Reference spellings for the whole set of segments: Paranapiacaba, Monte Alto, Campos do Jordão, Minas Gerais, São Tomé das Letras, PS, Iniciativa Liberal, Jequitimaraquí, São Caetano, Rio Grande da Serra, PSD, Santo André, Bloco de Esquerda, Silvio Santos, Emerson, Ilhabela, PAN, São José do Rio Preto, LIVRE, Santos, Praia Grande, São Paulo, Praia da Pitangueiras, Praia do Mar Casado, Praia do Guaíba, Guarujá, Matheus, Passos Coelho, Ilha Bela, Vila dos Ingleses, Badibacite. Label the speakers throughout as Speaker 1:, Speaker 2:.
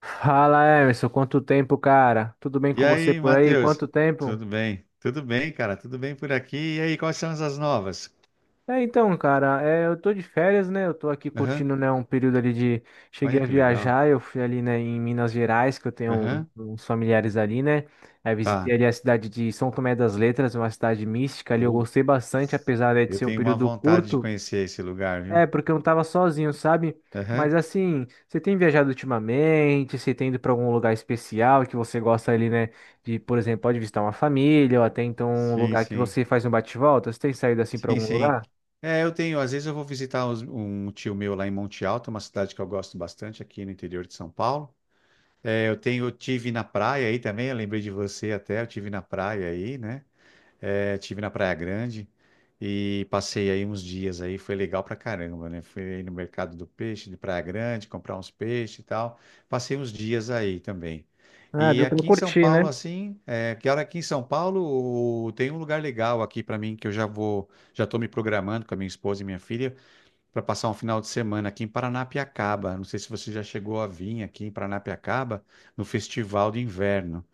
Speaker 1: Fala, Emerson, quanto tempo, cara? Tudo bem
Speaker 2: E
Speaker 1: com você
Speaker 2: aí,
Speaker 1: por aí?
Speaker 2: Matheus?
Speaker 1: Quanto tempo?
Speaker 2: Tudo bem? Tudo bem, cara? Tudo bem por aqui? E aí, quais são as novas?
Speaker 1: Então, cara, eu tô de férias, né? Eu tô aqui
Speaker 2: Aham.
Speaker 1: curtindo, né, um período ali de...
Speaker 2: Olha
Speaker 1: Cheguei a
Speaker 2: que legal.
Speaker 1: viajar, eu fui ali, né, em Minas Gerais, que eu tenho
Speaker 2: Aham.
Speaker 1: uns familiares ali, né? Aí visitei
Speaker 2: Tá.
Speaker 1: ali a cidade de São Tomé das Letras, uma cidade mística ali, eu
Speaker 2: Putz.
Speaker 1: gostei bastante, apesar, né, de
Speaker 2: Eu
Speaker 1: ser um
Speaker 2: tenho uma
Speaker 1: período
Speaker 2: vontade de
Speaker 1: curto.
Speaker 2: conhecer esse lugar, viu?
Speaker 1: É, porque eu não tava sozinho, sabe? Mas
Speaker 2: Aham.
Speaker 1: assim, você tem viajado ultimamente? Você tem ido pra algum lugar especial que você gosta ali, né? De, por exemplo, pode visitar uma família ou até então um
Speaker 2: Sim,
Speaker 1: lugar que
Speaker 2: sim.
Speaker 1: você faz um bate-volta? Você tem saído assim pra
Speaker 2: Sim,
Speaker 1: algum
Speaker 2: sim.
Speaker 1: lugar?
Speaker 2: É, eu tenho. Às vezes eu vou visitar um tio meu lá em Monte Alto, uma cidade que eu gosto bastante aqui no interior de São Paulo. É, eu tenho, eu tive na praia aí também, eu lembrei de você até, eu tive na praia aí, né? É, tive na Praia Grande e passei aí uns dias aí, foi legal pra caramba, né? Fui aí no mercado do peixe de Praia Grande, comprar uns peixes e tal. Passei uns dias aí também.
Speaker 1: Ah,
Speaker 2: E
Speaker 1: deu pra
Speaker 2: aqui em São
Speaker 1: curtir, né?
Speaker 2: Paulo, assim, é, que hora aqui em São Paulo tem um lugar legal aqui pra mim que eu já vou, já tô me programando com a minha esposa e minha filha para passar um final de semana aqui em Paranapiacaba. Não sei se você já chegou a vir aqui em Paranapiacaba no Festival de Inverno.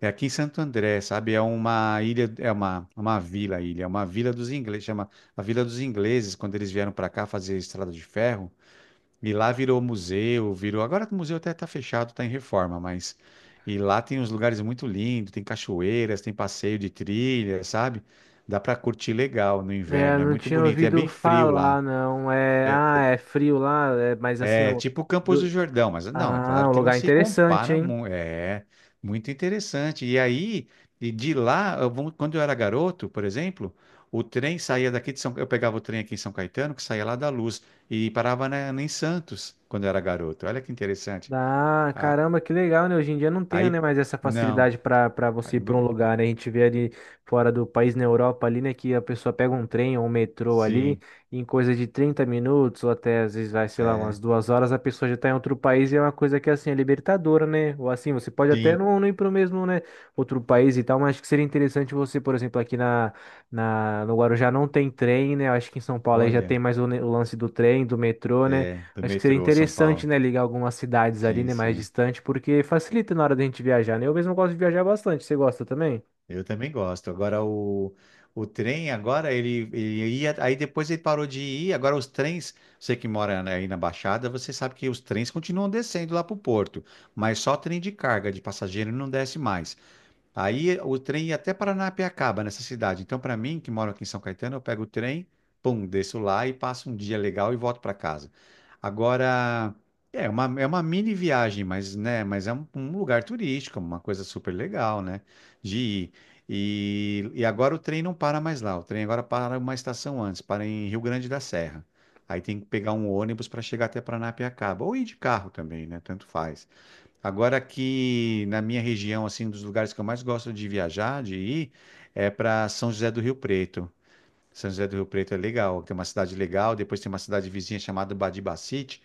Speaker 2: É aqui em Santo André, sabe? É uma ilha, é uma vila, ilha, é uma vila dos ingleses, chama a Vila dos Ingleses, quando eles vieram para cá fazer estrada de ferro. E lá virou museu, virou. Agora o museu até está fechado, está em reforma, mas. E lá tem uns lugares muito lindos, tem cachoeiras, tem passeio de trilha, sabe? Dá para curtir legal no
Speaker 1: É,
Speaker 2: inverno, é
Speaker 1: não
Speaker 2: muito
Speaker 1: tinha
Speaker 2: bonito e é
Speaker 1: ouvido
Speaker 2: bem frio lá.
Speaker 1: falar, não. É, ah, é frio lá, é, mas assim,
Speaker 2: É tipo Campos
Speaker 1: do-
Speaker 2: do Jordão, mas não, é claro
Speaker 1: um
Speaker 2: que não
Speaker 1: lugar
Speaker 2: se
Speaker 1: interessante,
Speaker 2: compara.
Speaker 1: hein?
Speaker 2: É muito interessante. E aí, e de lá, quando eu era garoto, por exemplo, o trem saía daqui de São, eu pegava o trem aqui em São Caetano, que saía lá da Luz e parava em Santos quando eu era garoto. Olha que interessante.
Speaker 1: Ah,
Speaker 2: Ah.
Speaker 1: caramba, que legal, né? Hoje em dia não tenho, né,
Speaker 2: Aí,
Speaker 1: mais essa
Speaker 2: não.
Speaker 1: facilidade para você ir para um
Speaker 2: Ago-
Speaker 1: lugar, né? A gente vê ali fora do país, na Europa ali, né, que a pessoa pega um trem ou um metrô ali,
Speaker 2: sim,
Speaker 1: e em coisa de 30 minutos ou até às vezes vai, sei lá,
Speaker 2: é,
Speaker 1: umas 2 horas, a pessoa já tá em outro país e é uma coisa que assim é libertadora, né? Ou assim, você pode até
Speaker 2: sim.
Speaker 1: não ir para o mesmo, né, outro país e tal, mas acho que seria interessante você, por exemplo, aqui na No Guarujá não tem trem, né? Eu acho que em São Paulo aí já
Speaker 2: Olha,
Speaker 1: tem mais o lance do trem, do metrô, né?
Speaker 2: é do
Speaker 1: Acho que seria
Speaker 2: metrô São
Speaker 1: interessante,
Speaker 2: Paulo.
Speaker 1: né, ligar algumas cidades ali,
Speaker 2: Sim,
Speaker 1: né, mais
Speaker 2: sim.
Speaker 1: distante, porque facilita na hora da gente viajar, né? Eu mesmo gosto de viajar bastante. Você gosta também?
Speaker 2: Eu também gosto. Agora o trem, agora ele ia, aí depois ele parou de ir. Agora os trens, você que mora aí na Baixada, você sabe que os trens continuam descendo lá para o porto, mas só trem de carga, de passageiro não desce mais. Aí o trem ia até Paranapiacaba, nessa cidade. Então, para mim, que moro aqui em São Caetano, eu pego o trem, pum, desço lá e passo um dia legal e volto para casa. Agora, é uma mini viagem, mas, né, mas é um lugar turístico, uma coisa super legal, né, de ir. E agora o trem não para mais lá. O trem agora para uma estação antes, para em Rio Grande da Serra. Aí tem que pegar um ônibus para chegar até Paranapiacaba, ou ir de carro também, né, tanto faz. Agora aqui na minha região, assim, um dos lugares que eu mais gosto de viajar, de ir, é para São José do Rio Preto. São José do Rio Preto é legal, tem uma cidade legal, depois tem uma cidade vizinha chamada Badibacite,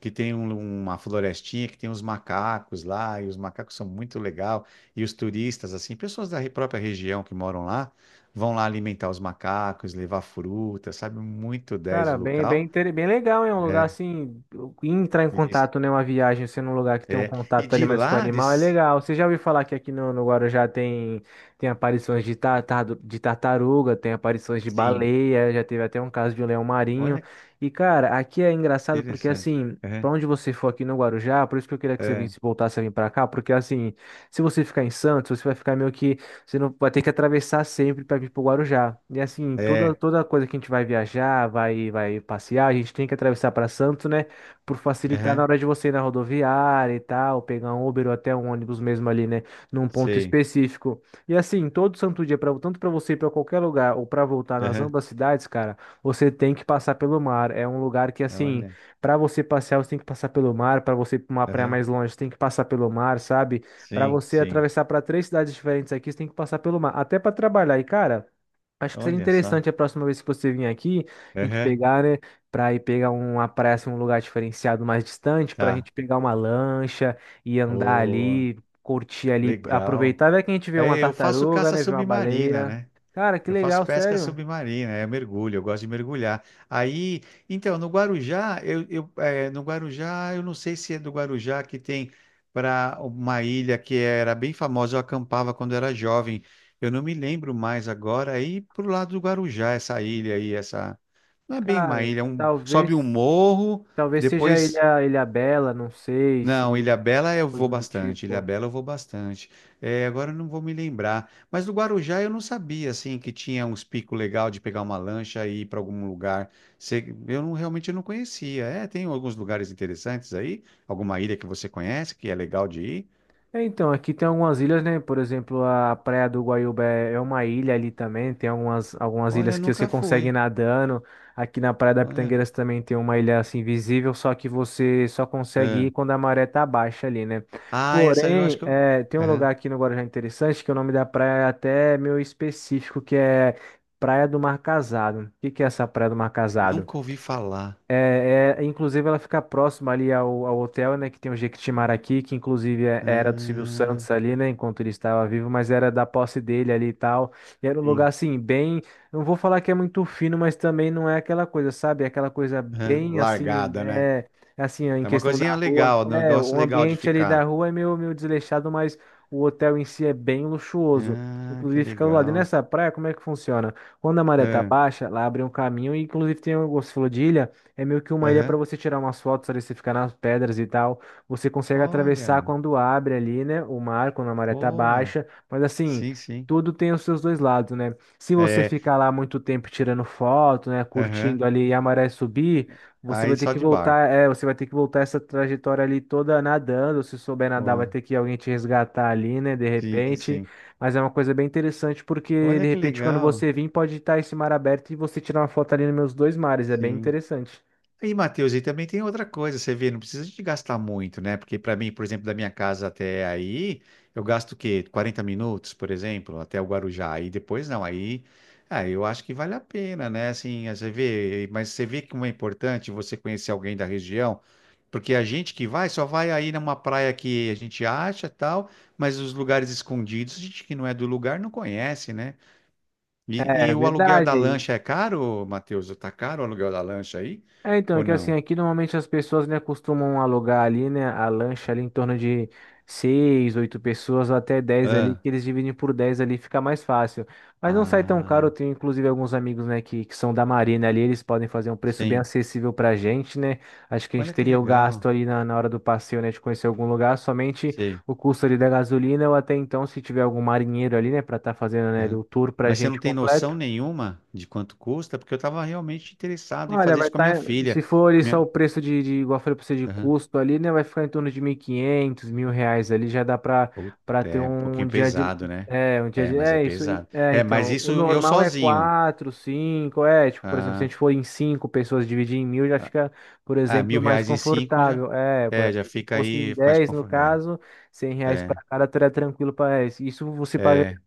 Speaker 2: que tem uma florestinha, que tem uns macacos lá, e os macacos são muito legal, e os turistas, assim, pessoas própria região que moram lá, vão lá alimentar os macacos, levar fruta, sabe? Muito 10
Speaker 1: Cara,
Speaker 2: o local.
Speaker 1: bem legal, é um lugar
Speaker 2: É,
Speaker 1: assim, entrar em
Speaker 2: isso.
Speaker 1: contato, né, uma viagem, sendo um lugar que tem um
Speaker 2: É. E
Speaker 1: contato ali
Speaker 2: de
Speaker 1: mais com o
Speaker 2: lá, de...
Speaker 1: animal, é legal. Você já ouviu falar que aqui no Guarujá tem aparições de tartaruga, tem aparições de
Speaker 2: sim.
Speaker 1: baleia, já teve até um caso de um leão marinho.
Speaker 2: Olha.
Speaker 1: E, cara, aqui é engraçado porque,
Speaker 2: Interessante.
Speaker 1: assim, pra
Speaker 2: Aham,
Speaker 1: onde você for aqui no Guarujá, por isso que eu queria que você
Speaker 2: aham.
Speaker 1: visse, voltasse a vir pra cá, porque, assim, se você ficar em Santos, você vai ficar meio que você não vai ter que atravessar sempre para vir para o Guarujá. E assim,
Speaker 2: É,
Speaker 1: toda coisa que a gente vai viajar, vai passear, a gente tem que atravessar para Santos, né? Por facilitar na
Speaker 2: aham,
Speaker 1: hora de você ir na rodoviária e tal, pegar um Uber ou até um ônibus mesmo ali, né? Num ponto
Speaker 2: sei.
Speaker 1: específico. E assim, todo santo dia, pra, tanto para você ir para qualquer lugar ou para voltar nas
Speaker 2: Aham.
Speaker 1: ambas cidades, cara, você tem que passar pelo mar. É um lugar que, assim,
Speaker 2: Olha,
Speaker 1: para você passear, você tem que passar pelo mar. Para você ir para uma praia
Speaker 2: aham.
Speaker 1: mais longe, você tem que passar pelo mar, sabe? Para
Speaker 2: Sim,
Speaker 1: você
Speaker 2: sim.
Speaker 1: atravessar para três cidades diferentes aqui, você tem que passar pelo mar, até para trabalhar. E, cara, acho que seria
Speaker 2: Olha só.
Speaker 1: interessante a próxima vez que você vir aqui, a gente
Speaker 2: Aham.
Speaker 1: pegar, né, para ir pegar uma praia, assim, um lugar diferenciado mais distante, para a
Speaker 2: Tá.
Speaker 1: gente pegar uma lancha e andar
Speaker 2: Oh,
Speaker 1: ali, curtir ali,
Speaker 2: legal.
Speaker 1: aproveitar, vai que a gente vê uma
Speaker 2: É, eu faço
Speaker 1: tartaruga,
Speaker 2: caça
Speaker 1: né, vê uma
Speaker 2: submarina,
Speaker 1: baleia.
Speaker 2: né?
Speaker 1: Cara, que
Speaker 2: Eu faço
Speaker 1: legal,
Speaker 2: pesca
Speaker 1: sério.
Speaker 2: submarina, é mergulho, eu gosto de mergulhar. Aí, então, no Guarujá, eu, eh, no Guarujá, eu não sei se é do Guarujá que tem para uma ilha que era bem famosa, eu acampava quando era jovem. Eu não me lembro mais agora. Aí, pro lado do Guarujá, essa ilha aí, essa. Não é bem
Speaker 1: Cara,
Speaker 2: uma ilha, é um... sobe um
Speaker 1: talvez,
Speaker 2: morro,
Speaker 1: talvez seja
Speaker 2: depois
Speaker 1: Ilha Bela, não sei
Speaker 2: não,
Speaker 1: se é
Speaker 2: Ilhabela
Speaker 1: alguma
Speaker 2: eu vou
Speaker 1: coisa do
Speaker 2: bastante,
Speaker 1: tipo.
Speaker 2: Ilhabela eu vou bastante. É, agora eu não vou me lembrar, mas do Guarujá eu não sabia assim que tinha uns picos legal de pegar uma lancha e ir para algum lugar. Eu não, realmente eu não conhecia. É, tem alguns lugares interessantes aí, alguma ilha que você conhece que é legal de ir?
Speaker 1: É, então, aqui tem algumas ilhas, né? Por exemplo, a Praia do Guaíba é uma ilha ali também. Tem algumas
Speaker 2: Olha,
Speaker 1: ilhas que você
Speaker 2: nunca
Speaker 1: consegue ir
Speaker 2: foi.
Speaker 1: nadando. Aqui na Praia da
Speaker 2: Olha.
Speaker 1: Pitangueiras também tem uma ilha assim visível, só que você só consegue ir
Speaker 2: É.
Speaker 1: quando a maré tá baixa ali, né?
Speaker 2: Ah, essa eu acho
Speaker 1: Porém,
Speaker 2: que eu,
Speaker 1: é, tem um lugar
Speaker 2: aham,
Speaker 1: aqui no Guarujá interessante que o nome da praia é até meio específico, que é Praia do Mar Casado. O que que é essa Praia do Mar Casado?
Speaker 2: nunca ouvi falar.
Speaker 1: Inclusive ela fica próxima ali ao hotel, né, que tem o Jequitimaraquí, que inclusive é, era do Silvio
Speaker 2: Ah,
Speaker 1: Santos ali, né, enquanto ele estava vivo, mas era da posse dele ali e tal. E era um lugar
Speaker 2: sim.
Speaker 1: assim, bem, não vou falar que é muito fino, mas também não é aquela coisa, sabe? É aquela coisa
Speaker 2: Aham.
Speaker 1: bem assim,
Speaker 2: Largada, né?
Speaker 1: é, assim, em
Speaker 2: É uma
Speaker 1: questão da
Speaker 2: coisinha
Speaker 1: rua,
Speaker 2: legal, um
Speaker 1: é,
Speaker 2: negócio
Speaker 1: o
Speaker 2: legal de
Speaker 1: ambiente ali da
Speaker 2: ficar.
Speaker 1: rua é meio, meio desleixado, mas o hotel em si é bem luxuoso.
Speaker 2: Ah, que
Speaker 1: Inclusive fica do lado. E
Speaker 2: legal.
Speaker 1: nessa praia, como é que funciona? Quando a maré tá
Speaker 2: Ah,
Speaker 1: baixa, lá abre um caminho e inclusive tem um, você falou de ilha, é meio que uma ilha para
Speaker 2: aham.
Speaker 1: você tirar umas fotos ali, você ficar nas pedras e tal. Você consegue atravessar
Speaker 2: Olha,
Speaker 1: quando abre ali, né? O mar, quando a maré tá
Speaker 2: boa.
Speaker 1: baixa. Mas assim,
Speaker 2: Sim, sim.
Speaker 1: tudo tem os seus dois lados, né? Se você
Speaker 2: É,
Speaker 1: ficar lá muito tempo tirando foto, né?
Speaker 2: aham.
Speaker 1: Curtindo ali e a maré subir, você vai
Speaker 2: Aí
Speaker 1: ter
Speaker 2: só
Speaker 1: que
Speaker 2: de
Speaker 1: voltar,
Speaker 2: barco.
Speaker 1: é, você vai ter que voltar essa trajetória ali toda nadando. Se souber nadar, vai
Speaker 2: Ó,
Speaker 1: ter que alguém te resgatar ali, né? De
Speaker 2: sim,
Speaker 1: repente.
Speaker 2: sim.
Speaker 1: Mas é uma coisa bem interessante porque, de
Speaker 2: Olha que
Speaker 1: repente, quando
Speaker 2: legal.
Speaker 1: você vir, pode estar esse mar aberto e você tirar uma foto ali nos meus dois mares. É bem
Speaker 2: Sim.
Speaker 1: interessante.
Speaker 2: E, Matheus, e também tem outra coisa, você vê, não precisa de gastar muito, né? Porque para mim, por exemplo, da minha casa até aí, eu gasto o quê? 40 minutos, por exemplo, até o Guarujá. Aí depois não, aí, ah, eu acho que vale a pena, né? Assim, você vê, mas você vê como é importante você conhecer alguém da região, porque a gente que vai só vai aí numa praia que a gente acha, tal, mas os lugares escondidos, a gente que não é do lugar não conhece, né? E,
Speaker 1: É
Speaker 2: e o aluguel da
Speaker 1: verdade.
Speaker 2: lancha é caro, Matheus? Tá caro o aluguel da lancha aí?
Speaker 1: É, então,
Speaker 2: Ou
Speaker 1: é que assim,
Speaker 2: não?
Speaker 1: aqui normalmente as pessoas, né, costumam alugar ali, né, a lancha ali em torno de 6, 8 pessoas, até 10 ali,
Speaker 2: Ah,
Speaker 1: que eles dividem por 10 ali, fica mais fácil. Mas não sai tão caro, eu
Speaker 2: ah,
Speaker 1: tenho inclusive alguns amigos, né, que são da Marina ali, eles podem fazer um preço bem
Speaker 2: sim.
Speaker 1: acessível pra gente, né? Acho que a gente
Speaker 2: Olha que
Speaker 1: teria o gasto
Speaker 2: legal.
Speaker 1: ali na hora do passeio, né, de conhecer algum lugar, somente
Speaker 2: Sei.
Speaker 1: o custo ali da gasolina, ou até então, se tiver algum marinheiro ali, né, pra estar fazendo, né,
Speaker 2: Aham.
Speaker 1: o tour pra
Speaker 2: Mas você não
Speaker 1: gente
Speaker 2: tem noção
Speaker 1: completo.
Speaker 2: nenhuma de quanto custa? Porque eu estava realmente interessado em
Speaker 1: Olha,
Speaker 2: fazer
Speaker 1: vai
Speaker 2: isso com a minha
Speaker 1: estar, se
Speaker 2: filha.
Speaker 1: for ali só o
Speaker 2: Minha...
Speaker 1: preço de igual eu falei pra você, de
Speaker 2: aham.
Speaker 1: custo ali, né, vai ficar em torno de 1.500 mil reais ali, já dá pra,
Speaker 2: Puta,
Speaker 1: pra ter
Speaker 2: é um
Speaker 1: um
Speaker 2: pouquinho
Speaker 1: dia de,
Speaker 2: pesado, né?
Speaker 1: é, um dia
Speaker 2: É,
Speaker 1: de,
Speaker 2: mas é
Speaker 1: é, isso, aí,
Speaker 2: pesado.
Speaker 1: é,
Speaker 2: É, mas
Speaker 1: então, o
Speaker 2: isso eu
Speaker 1: normal é
Speaker 2: sozinho.
Speaker 1: quatro, cinco, é, tipo, por exemplo, se a
Speaker 2: Ah,
Speaker 1: gente for em 5 pessoas dividir em 1.000, já
Speaker 2: ah,
Speaker 1: fica, por
Speaker 2: ah, mil
Speaker 1: exemplo, mais
Speaker 2: reais em cinco já,
Speaker 1: confortável, é, por,
Speaker 2: é, já
Speaker 1: aí, se
Speaker 2: fica
Speaker 1: fosse em
Speaker 2: aí mais
Speaker 1: 10, no
Speaker 2: confortável.
Speaker 1: caso, 100 reais
Speaker 2: É,
Speaker 1: pra cada, teria tranquilo pra, é, isso você
Speaker 2: é,
Speaker 1: paga
Speaker 2: é,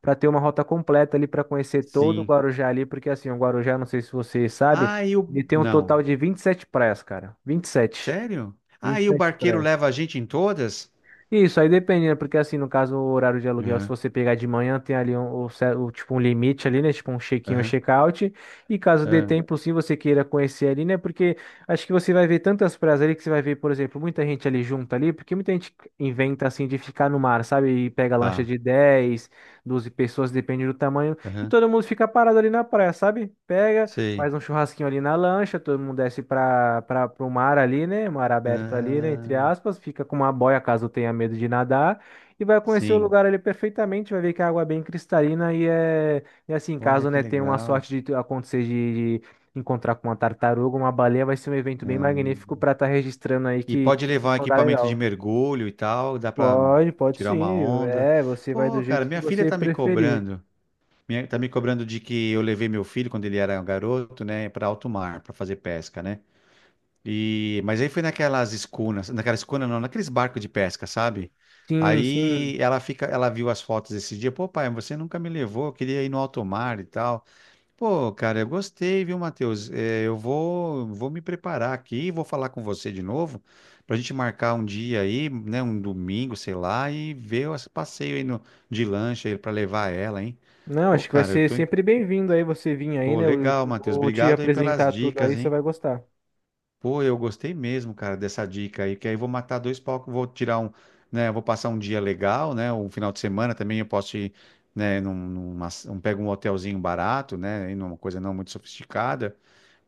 Speaker 1: para ter uma rota completa ali para conhecer todo o
Speaker 2: sim.
Speaker 1: Guarujá ali, porque assim, o Guarujá, não sei se você sabe,
Speaker 2: Ah, e o.
Speaker 1: ele tem um total
Speaker 2: Não.
Speaker 1: de 27 praias, cara. Vinte e sete,
Speaker 2: Sério? Ah,
Speaker 1: vinte e
Speaker 2: e o
Speaker 1: sete
Speaker 2: barqueiro
Speaker 1: praias.
Speaker 2: leva a gente em todas?
Speaker 1: Isso, aí dependendo, porque assim, no caso, o horário de aluguel, se
Speaker 2: Aham,
Speaker 1: você pegar de manhã, tem ali um, o tipo, um limite ali, né? Tipo um check-in ou
Speaker 2: aham.
Speaker 1: check-out. E caso dê
Speaker 2: Ah,
Speaker 1: tempo, sim, você queira conhecer ali, né? Porque acho que você vai ver tantas praias ali que você vai ver, por exemplo, muita gente ali junta ali, porque muita gente inventa assim de ficar no mar, sabe? E pega lancha
Speaker 2: tá.
Speaker 1: de 10, 12 pessoas, depende do tamanho, e
Speaker 2: Aham,
Speaker 1: todo mundo fica parado ali na praia, sabe? Pega.
Speaker 2: sei.
Speaker 1: Faz um churrasquinho ali na lancha, todo mundo desce para o mar ali, né? Mar aberto ali, né? Entre
Speaker 2: Ah,
Speaker 1: aspas, fica com uma boia caso tenha medo de nadar e vai conhecer o
Speaker 2: sim.
Speaker 1: lugar ali perfeitamente, vai ver que a água é bem cristalina e assim,
Speaker 2: Olha
Speaker 1: caso,
Speaker 2: que
Speaker 1: né, tenha uma
Speaker 2: legal.
Speaker 1: sorte acontecer de encontrar com uma tartaruga, uma baleia, vai ser um evento bem
Speaker 2: Ah,
Speaker 1: magnífico para estar registrando aí
Speaker 2: e
Speaker 1: que
Speaker 2: pode
Speaker 1: foi
Speaker 2: levar um
Speaker 1: um lugar
Speaker 2: equipamento de
Speaker 1: legal.
Speaker 2: mergulho e tal, dá pra
Speaker 1: Pode, pode
Speaker 2: tirar uma
Speaker 1: sim.
Speaker 2: onda.
Speaker 1: É, você vai do
Speaker 2: Pô, cara,
Speaker 1: jeito que
Speaker 2: minha filha
Speaker 1: você
Speaker 2: tá me
Speaker 1: preferir.
Speaker 2: cobrando. Tá me cobrando de que eu levei meu filho quando ele era um garoto, né, pra alto mar, pra fazer pesca, né? E mas aí foi naquelas escunas, naquela escuna não, naqueles barcos de pesca, sabe?
Speaker 1: Sim,
Speaker 2: Aí
Speaker 1: sim.
Speaker 2: ela fica, ela viu as fotos esse dia, pô, pai, você nunca me levou, eu queria ir no alto mar e tal. Pô, cara, eu gostei, viu, Matheus? É, eu vou me preparar aqui, vou falar com você de novo, pra gente marcar um dia aí, né, um domingo, sei lá, e ver esse passeio aí no, de lancha aí pra levar ela, hein?
Speaker 1: Não,
Speaker 2: Ô,
Speaker 1: acho que vai
Speaker 2: cara,
Speaker 1: ser sempre bem-vindo aí você vir aí,
Speaker 2: pô,
Speaker 1: né? Eu
Speaker 2: legal,
Speaker 1: eu
Speaker 2: Matheus.
Speaker 1: vou te
Speaker 2: Obrigado aí pelas
Speaker 1: apresentar tudo
Speaker 2: dicas,
Speaker 1: aí, você
Speaker 2: hein?
Speaker 1: vai gostar.
Speaker 2: Pô, eu gostei mesmo, cara, dessa dica aí, que aí eu vou matar dois palcos, vou tirar um, né, vou passar um dia legal, né, um final de semana também eu posso ir, né, pego um hotelzinho barato, né, e numa coisa não muito sofisticada.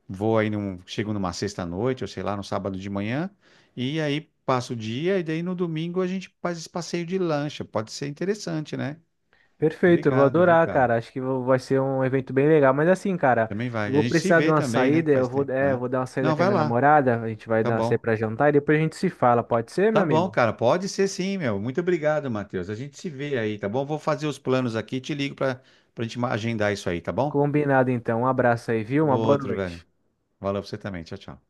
Speaker 2: Vou aí chego numa sexta-noite, ou sei lá, no sábado de manhã, e aí passo o dia, e daí no domingo a gente faz esse passeio de lancha. Pode ser interessante, né?
Speaker 1: Perfeito, eu vou
Speaker 2: Obrigado, viu,
Speaker 1: adorar,
Speaker 2: cara?
Speaker 1: cara. Acho que vai ser um evento bem legal. Mas assim, cara,
Speaker 2: Também
Speaker 1: eu
Speaker 2: vai. E a
Speaker 1: vou
Speaker 2: gente se
Speaker 1: precisar de
Speaker 2: vê
Speaker 1: uma
Speaker 2: também, né?
Speaker 1: saída. Eu
Speaker 2: Faz
Speaker 1: vou,
Speaker 2: tempo,
Speaker 1: é, eu
Speaker 2: né?
Speaker 1: vou dar uma saída
Speaker 2: Não,
Speaker 1: com a
Speaker 2: vai
Speaker 1: minha
Speaker 2: lá.
Speaker 1: namorada. A gente vai
Speaker 2: Tá
Speaker 1: dar sair
Speaker 2: bom.
Speaker 1: pra jantar e depois a gente se fala. Pode ser, meu
Speaker 2: Tá bom,
Speaker 1: amigo?
Speaker 2: cara. Pode ser sim, meu. Muito obrigado, Matheus. A gente se vê aí, tá bom? Vou fazer os planos aqui e te ligo pra, gente agendar isso aí, tá bom?
Speaker 1: Combinado, então. Um abraço aí, viu? Uma boa
Speaker 2: Outro, velho.
Speaker 1: noite.
Speaker 2: Valeu pra você também. Tchau, tchau.